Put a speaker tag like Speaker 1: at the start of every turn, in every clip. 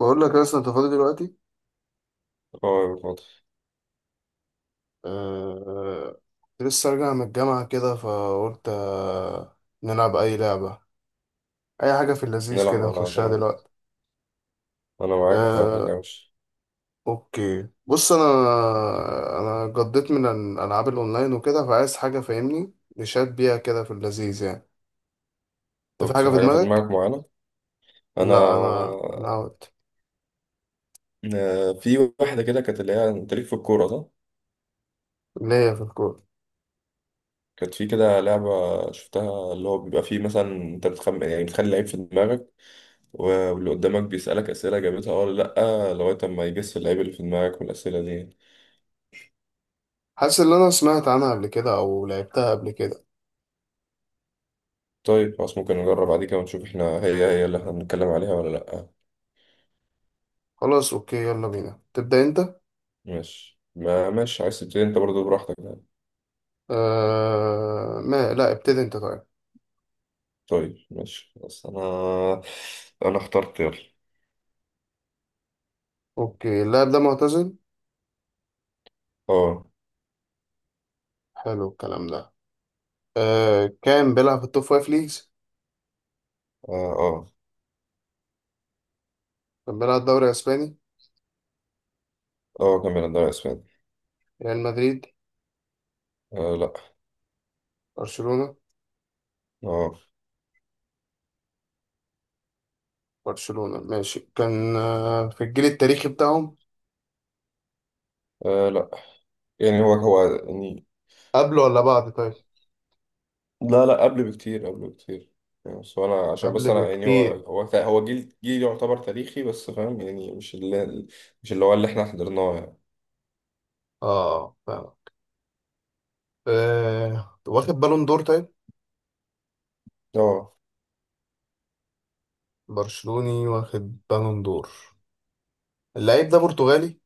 Speaker 1: بقول لك لسه انت فاضي دلوقتي.
Speaker 2: اه، يا فاضي.
Speaker 1: أه... كنت لسه راجع من الجامعة كده فقلت نلعب أي لعبة، أي حاجة في اللذيذ
Speaker 2: نلعب،
Speaker 1: كده
Speaker 2: على
Speaker 1: نخشها
Speaker 2: طبعا.
Speaker 1: دلوقتي.
Speaker 2: انا معاك في أي
Speaker 1: أه...
Speaker 2: حاجة مش...
Speaker 1: أوكي بص، أنا قضيت من الألعاب الأونلاين وكده، فعايز حاجة فاهمني نشات بيها كده في اللذيذ يعني. أنت
Speaker 2: طب
Speaker 1: في حاجة
Speaker 2: في
Speaker 1: في
Speaker 2: حاجة في
Speaker 1: دماغك؟
Speaker 2: دماغك معينة؟ انا
Speaker 1: لا، أنا أوت.
Speaker 2: في واحدة كده كانت، اللي هي انت ليك في الكورة ده.
Speaker 1: ليا في الكورة.
Speaker 2: كانت في كده لعبة شفتها، اللي هو بيبقى فيه مثلا انت بتخم، يعني بتخلي لعيب في دماغك واللي قدامك بيسألك أسئلة جابتها اه ولا لأ، لغاية ما يجس اللعيب اللي في دماغك والأسئلة دي.
Speaker 1: حاسس إن أنا سمعت عنها قبل كده أو لعبتها قبل كده.
Speaker 2: طيب خلاص، ممكن نجرب بعد كده ونشوف احنا هي هي اللي احنا بنتكلم عليها ولا لأ.
Speaker 1: خلاص أوكي، يلا بينا، تبدأ أنت؟
Speaker 2: ماشي، ما ماشي، عايز تبتدي انت برضه، براحتك.
Speaker 1: ما لا ابتدي انت طيب.
Speaker 2: طيب ماشي، بس انا، انا اخترت يلا.
Speaker 1: اوكي، اللاعب ده معتزل.
Speaker 2: اه،
Speaker 1: حلو الكلام ده. كان بيلعب في التوب فايف ليجز.
Speaker 2: اه، اه،
Speaker 1: كان بيلعب الدوري الاسباني.
Speaker 2: اه، كان بيلعب دوري اسباني.
Speaker 1: ريال مدريد.
Speaker 2: آه لا.
Speaker 1: برشلونة.
Speaker 2: اه.
Speaker 1: برشلونة ماشي، كان في الجيل التاريخي بتاعهم.
Speaker 2: آه لا، يعني هو هو يعني.
Speaker 1: قبل ولا بعد طيب؟
Speaker 2: لا لا، قبل بكتير، قبل بكتير. يعني بس انا عشان بس
Speaker 1: قبل
Speaker 2: انا، يعني هو
Speaker 1: بكتير.
Speaker 2: هو هو جيل يعتبر تاريخي، بس فاهم يعني؟ مش اللي هو اللي احنا حضرناه يعني.
Speaker 1: اه فاهم. آه، واخد بالون دور طيب؟
Speaker 2: اه.
Speaker 1: برشلوني واخد بالون دور. اللعيب ده برتغالي.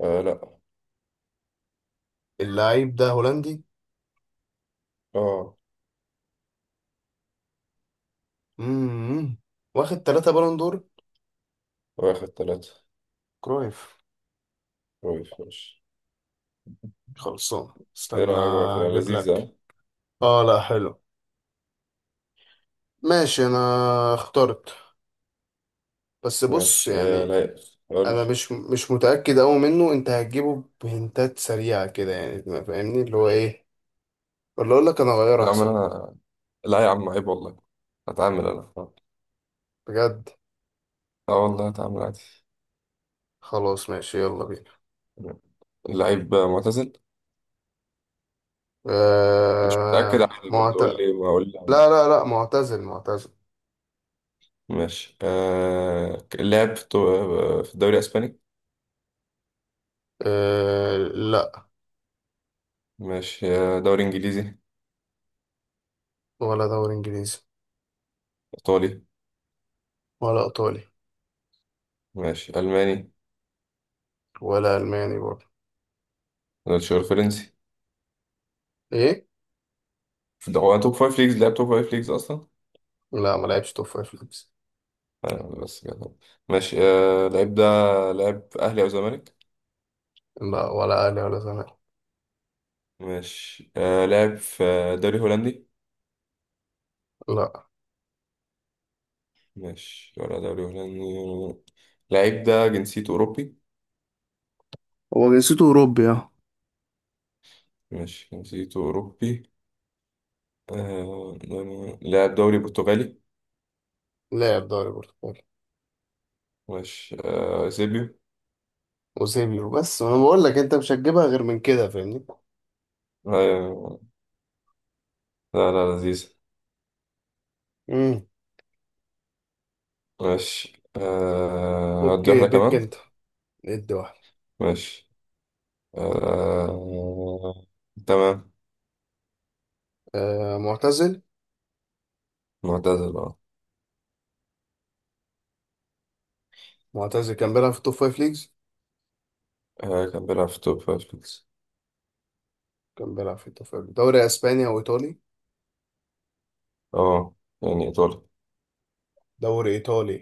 Speaker 2: آه، لا.
Speaker 1: اللعيب ده هولندي.
Speaker 2: اه.
Speaker 1: امم واخد ثلاثة بالون دور.
Speaker 2: واخد ثلاثة.
Speaker 1: كرويف.
Speaker 2: كويس ماشي.
Speaker 1: خلصان.
Speaker 2: ايه
Speaker 1: استنى.
Speaker 2: رأيك بقى في
Speaker 1: اجيب لك.
Speaker 2: لذيذة؟
Speaker 1: اه لا حلو. ماشي انا اخترت. بس بص
Speaker 2: ماشي آه،
Speaker 1: يعني،
Speaker 2: لا.
Speaker 1: انا
Speaker 2: قول.
Speaker 1: مش متاكد قوي منه. انت هتجيبه بهنتات سريعه كده يعني، ما فاهمني اللي هو ايه، ولا اقول لك انا اغير
Speaker 2: العمل.
Speaker 1: احسن؟
Speaker 2: لا يا عم، عيب والله، هتعامل انا.
Speaker 1: بجد.
Speaker 2: اه والله هتعامل عادي.
Speaker 1: خلاص ماشي يلا بينا.
Speaker 2: اللعيب معتزل، مش متأكد،
Speaker 1: آه
Speaker 2: عادي برضه
Speaker 1: معت...
Speaker 2: قول
Speaker 1: لا
Speaker 2: لي ما اقول لي.
Speaker 1: لا لا، معتزل معتزل.
Speaker 2: ماشي آه، لعب في في الدوري الاسباني.
Speaker 1: آه لا.
Speaker 2: ماشي آه، دوري انجليزي.
Speaker 1: ولا دوري انجليزي.
Speaker 2: ايطالي.
Speaker 1: ولا ايطالي.
Speaker 2: ماشي الماني.
Speaker 1: ولا الماني برضه.
Speaker 2: الشهور فرنسي.
Speaker 1: ايه.
Speaker 2: في هو توب فايف ليجز؟ لعب توب فايف ليجز اصلا؟
Speaker 1: لا ما لعبش توب فايف ليجز.
Speaker 2: آه بس كده. ماشي آه، لعيب ده لعب في اهلي او زمالك.
Speaker 1: لا ولا اهلي ولا زمالك.
Speaker 2: ماشي آه، لعب في دوري هولندي.
Speaker 1: لا،
Speaker 2: ماشي ولا دوري هولندي. اللعيب ده جنسيته أوروبي؟
Speaker 1: هو جنسيته أوروبي اه.
Speaker 2: ماشي، جنسيته أوروبي. آه... لاعب دوري برتغالي.
Speaker 1: لاعب دوري برتقالي.
Speaker 2: ماشي سيبيو.
Speaker 1: اوزيبيو، بس وانا بقول لك انت مش هتجيبها غير من كده فاهمني.
Speaker 2: آه... لا لا لذيذ.
Speaker 1: امم
Speaker 2: ماشي أدي
Speaker 1: اوكي
Speaker 2: واحدة
Speaker 1: بيك
Speaker 2: كمان.
Speaker 1: انت. ادي واحد.
Speaker 2: ماشي آه... تمام.
Speaker 1: آه معتزل.
Speaker 2: معتزل اه.
Speaker 1: معتزل كان بيلعب في التوب فايف ليجز.
Speaker 2: آه، كان بيلعب في توب فايف ليجز.
Speaker 1: كان بيلعب في التوب فايف، دوري اسباني او ايطالي.
Speaker 2: اه. يعني إيطالي.
Speaker 1: دوري ايطالي.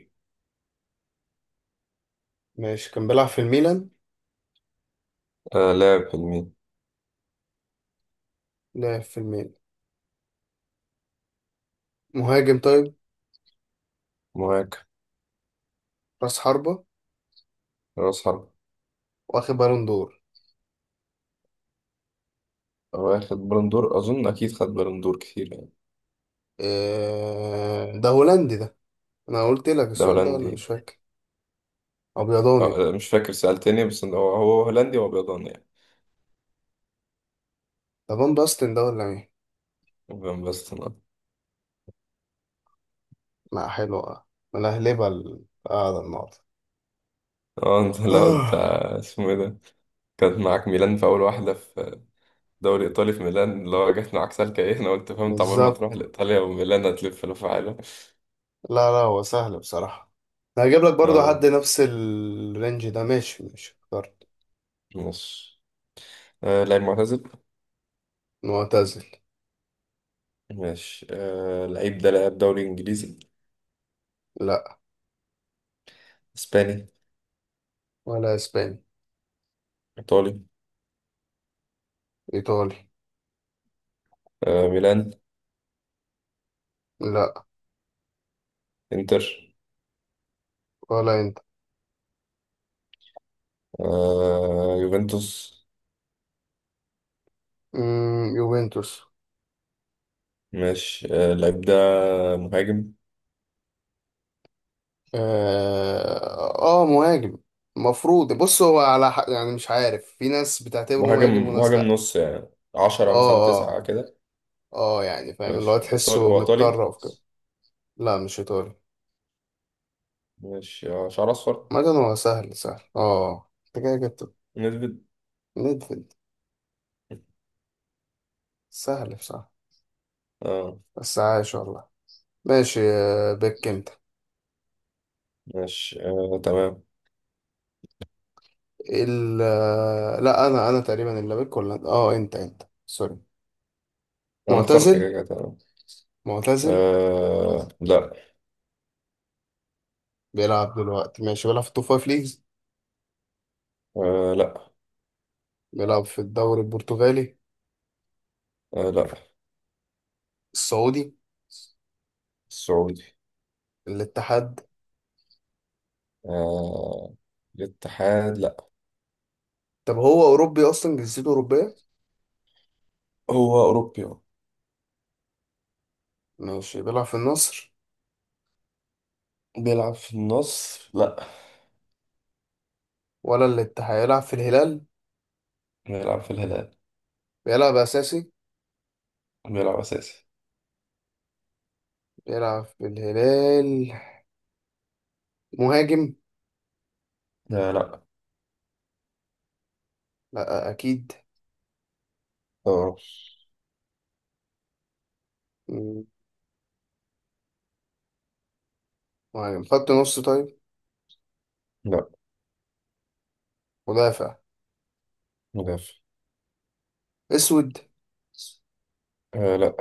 Speaker 1: ماشي كان بيلعب في الميلان.
Speaker 2: لاعب في الميل.
Speaker 1: لعب في الميلان. مهاجم طيب.
Speaker 2: مهاجم.
Speaker 1: راس حربة.
Speaker 2: رأس حرب.
Speaker 1: واخد بالون دور.
Speaker 2: واخد بالون دور، أظن أكيد خد بالون دور كتير يعني.
Speaker 1: آه ده هولندي ده. انا قلت لك
Speaker 2: ده
Speaker 1: السؤال ده ولا
Speaker 2: هولندي.
Speaker 1: مش فاكر؟ ابيضاني.
Speaker 2: آه، مش فاكر سألتني، بس إن هو هو هولندي وأبيضاني يعني.
Speaker 1: ده فان باستن ده ولا مين؟
Speaker 2: فان باستن اه.
Speaker 1: لا حلوة. ملهلبة القعدة النهاردة.
Speaker 2: آه، انت لو انت
Speaker 1: آه،
Speaker 2: اسمه ايه ده؟ كانت معاك ميلان في اول واحده، في دوري ايطالي في ميلان، اللي هو جت معاك سالكه ايه، انا قلت فهمت عمال ما تروح
Speaker 1: بالظبط.
Speaker 2: لايطاليا وميلان هتلف لفه عالم.
Speaker 1: لا لا، هو سهل بصراحة. أنا هجيب لك برضو حد
Speaker 2: اه.
Speaker 1: نفس الرينج ده. ماشي ماشي اخترت.
Speaker 2: ماشي آه، لعيب معتزل.
Speaker 1: معتزل.
Speaker 2: ماشي آه، لعيب ده لعب دوري انجليزي.
Speaker 1: لا
Speaker 2: اسباني.
Speaker 1: ولا اسباني.
Speaker 2: ايطالي.
Speaker 1: ايطالي.
Speaker 2: آه ميلان.
Speaker 1: لا
Speaker 2: انتر.
Speaker 1: ولا انت.
Speaker 2: آه يوفنتوس.
Speaker 1: يوفنتوس.
Speaker 2: ماشي آه، اللعيب ده مهاجم.
Speaker 1: اه آه، مهاجم. المفروض بص، هو على حق يعني، مش عارف، في ناس بتعتبره مهاجم
Speaker 2: مهاجم
Speaker 1: وناس
Speaker 2: مهاجم
Speaker 1: لا.
Speaker 2: نص يعني، 10 مثلا
Speaker 1: اه
Speaker 2: 9
Speaker 1: اه
Speaker 2: كده.
Speaker 1: اه، يعني فاهم، اللي هو
Speaker 2: ماشي إيطالي،
Speaker 1: تحسه
Speaker 2: هو إيطالي.
Speaker 1: متطرف كده. لا مش ايطالي.
Speaker 2: ماشي آه، شعر أصفر.
Speaker 1: مثلا هو سهل سهل. اه انت كده جبت
Speaker 2: نسبت.
Speaker 1: ميدفيلد. سهل بصراحة.
Speaker 2: اه.
Speaker 1: بس عايش والله. ماشي بك انت.
Speaker 2: ماشي آه، تمام.
Speaker 1: ال آه، لا انا تقريبا اللي بك، ولا اه، انت سوري.
Speaker 2: أنا اخترت،
Speaker 1: معتزل
Speaker 2: كده كده تمام.
Speaker 1: معتزل.
Speaker 2: آه لا.
Speaker 1: بيلعب دلوقتي ماشي، بيلعب في التوب فايف ليجز.
Speaker 2: آه لا.
Speaker 1: بيلعب في الدوري البرتغالي.
Speaker 2: آه لا.
Speaker 1: السعودي.
Speaker 2: السعودي.
Speaker 1: الاتحاد.
Speaker 2: آه الاتحاد لا.
Speaker 1: طب هو اوروبي اصلا؟ جنسيته اوروبية.
Speaker 2: هو أوروبي أهو.
Speaker 1: ماشي بيلعب في النصر.
Speaker 2: بيلعب في النصر لا.
Speaker 1: ولا الاتحاد، يلعب في الهلال.
Speaker 2: بيلعب في الهلال.
Speaker 1: بيلعب اساسي.
Speaker 2: بيلعب أساسي.
Speaker 1: بيلعب في الهلال. مهاجم.
Speaker 2: آه لا.
Speaker 1: لا أكيد.
Speaker 2: آه
Speaker 1: مم. مهاجم خط نص طيب؟
Speaker 2: لا.
Speaker 1: مدافع.
Speaker 2: مدافع.
Speaker 1: أسود.
Speaker 2: آه لا.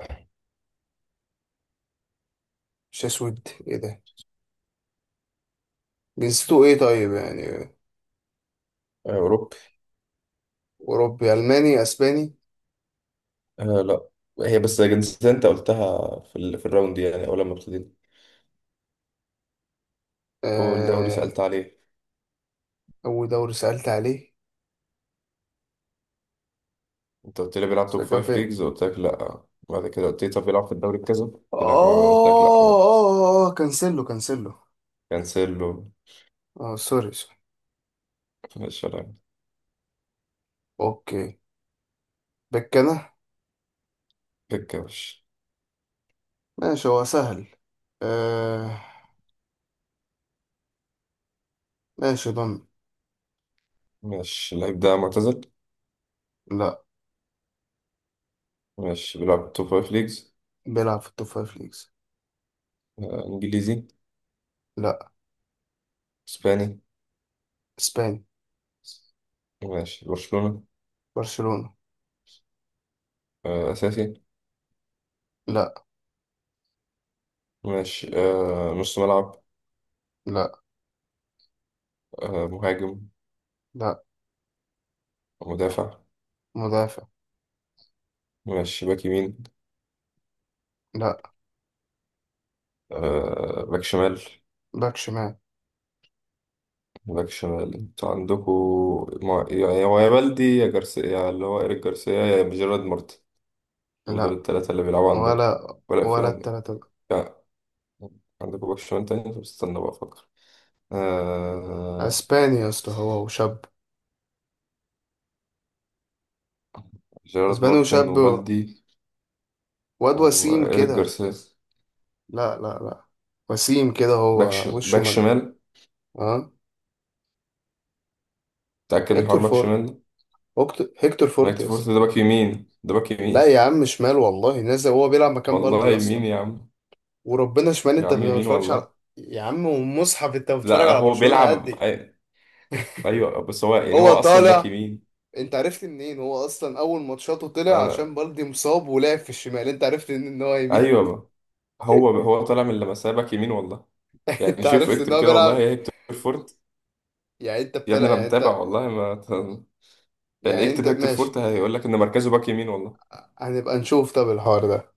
Speaker 1: مش أسود، إيه ده؟ جنسيته إيه طيب يعني؟
Speaker 2: آه، أوروبي.
Speaker 1: أوروبي، ألماني، أسباني.
Speaker 2: آه لا. هي بس جنسية انت قلتها في، في الراوند دي يعني اول لما ابتدينا. اول دوري
Speaker 1: آه...
Speaker 2: سألت عليه.
Speaker 1: أول دوري سألت عليه.
Speaker 2: انت قلت لي بيلعب
Speaker 1: بس
Speaker 2: توب
Speaker 1: كان
Speaker 2: فايف
Speaker 1: فين؟
Speaker 2: ليجز، قلت لك لا. بعد كده قلت لي طب بيلعب في الدوري بكذا،
Speaker 1: آه
Speaker 2: قلت لك اه، قلت لك لا برضه.
Speaker 1: آه آه آه، كانسيلو كانسيلو.
Speaker 2: كانسيلو.
Speaker 1: آه سوري سوري.
Speaker 2: ماشي يلا.
Speaker 1: أوكي. بكنا.
Speaker 2: بيكاوش.
Speaker 1: ماشي هو سهل. آه... ماشي ضمن.
Speaker 2: ماشي اللعيب ده معتزل.
Speaker 1: لا.
Speaker 2: ماشي بيلعب توب فايف ليجز.
Speaker 1: بيلعب في التوب فايف ليجز.
Speaker 2: آه انجليزي.
Speaker 1: لا.
Speaker 2: اسباني.
Speaker 1: إسباني.
Speaker 2: ماشي برشلونة.
Speaker 1: برشلونة.
Speaker 2: آه اساسي.
Speaker 1: لا
Speaker 2: ماشي آه، نص ملعب.
Speaker 1: لا
Speaker 2: آه مهاجم.
Speaker 1: لا.
Speaker 2: مدافع.
Speaker 1: مدافع.
Speaker 2: ماشي باك يمين.
Speaker 1: لا.
Speaker 2: آه باك شمال.
Speaker 1: باك شمال.
Speaker 2: باك شمال، انتوا عندكوا ما... هو يا بالدي يا جارسيا، يا اللي هو إيريك جارسيا، يا جيرارد مارتن. هم دول
Speaker 1: لا
Speaker 2: التلاتة اللي بيلعبوا عندكوا،
Speaker 1: ولا
Speaker 2: ولا في
Speaker 1: ولا
Speaker 2: عندك؟
Speaker 1: التلاتة دول.
Speaker 2: لا عندكوا باك شمال تاني؟ طب استنى بقى أفكر. آه...
Speaker 1: اسباني يا اسطى، هو وشاب.
Speaker 2: جيرارد
Speaker 1: اسباني
Speaker 2: مارتن
Speaker 1: وشاب
Speaker 2: وبالدي
Speaker 1: واد وسيم
Speaker 2: وإيريك
Speaker 1: كده.
Speaker 2: جارسيا.
Speaker 1: لا لا لا. وسيم كده، هو وشه
Speaker 2: باك
Speaker 1: من.
Speaker 2: شمال؟
Speaker 1: اه
Speaker 2: متأكد من حوار
Speaker 1: هيكتور
Speaker 2: باك
Speaker 1: فورت.
Speaker 2: شمال ده؟
Speaker 1: هيكتور فورت
Speaker 2: نايت
Speaker 1: يا
Speaker 2: فورت،
Speaker 1: اسطى.
Speaker 2: ده باك يمين، ده باك يمين.
Speaker 1: لا يا عم، شمال والله، نزل هو بيلعب مكان
Speaker 2: والله
Speaker 1: بالدي
Speaker 2: يمين
Speaker 1: اصلا.
Speaker 2: يا عم.
Speaker 1: وربنا شمال،
Speaker 2: يا
Speaker 1: انت
Speaker 2: عم
Speaker 1: ما
Speaker 2: يمين
Speaker 1: بتتفرجش
Speaker 2: والله.
Speaker 1: على. يا عم ومصحف، انت
Speaker 2: لا
Speaker 1: بتتفرج على
Speaker 2: هو
Speaker 1: برشلونة قد
Speaker 2: بيلعب
Speaker 1: إيه؟
Speaker 2: ايوه بس هو، يعني هو
Speaker 1: هو
Speaker 2: اصلا باك
Speaker 1: طالع.
Speaker 2: يمين.
Speaker 1: انت عرفت منين؟ هو اصلا اول ماتشاته طلع
Speaker 2: انا.
Speaker 1: عشان بالدي مصاب ولعب في الشمال، انت عرفت منين ان هو يمين؟
Speaker 2: ايوه. هو هو طالع من لمسيه باك يمين والله. يعني
Speaker 1: انت
Speaker 2: شوف
Speaker 1: عرفت ان
Speaker 2: اكتب
Speaker 1: هو
Speaker 2: كده والله،
Speaker 1: بيلعب؟
Speaker 2: يا هيكتور فورت.
Speaker 1: يعني انت
Speaker 2: يا ابني
Speaker 1: بتلعب؟
Speaker 2: انا
Speaker 1: يعني
Speaker 2: متابع
Speaker 1: انت.
Speaker 2: والله، ما يعني
Speaker 1: يعني انت
Speaker 2: اكتب هيكتور
Speaker 1: ماشي.
Speaker 2: فورت هيقول لك ان مركزه باك يمين والله.
Speaker 1: هنبقى نشوف طب الحوار ده.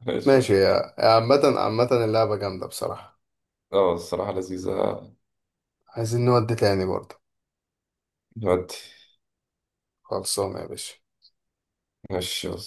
Speaker 2: ماشي.
Speaker 1: ماشي يا عامة، عامة اللعبة جامدة بصراحة.
Speaker 2: اه الصراحه لذيذه.
Speaker 1: عايزين نودي تاني برضه.
Speaker 2: نودي.
Speaker 1: خلصانة يا باشا.
Speaker 2: ماشي يلا.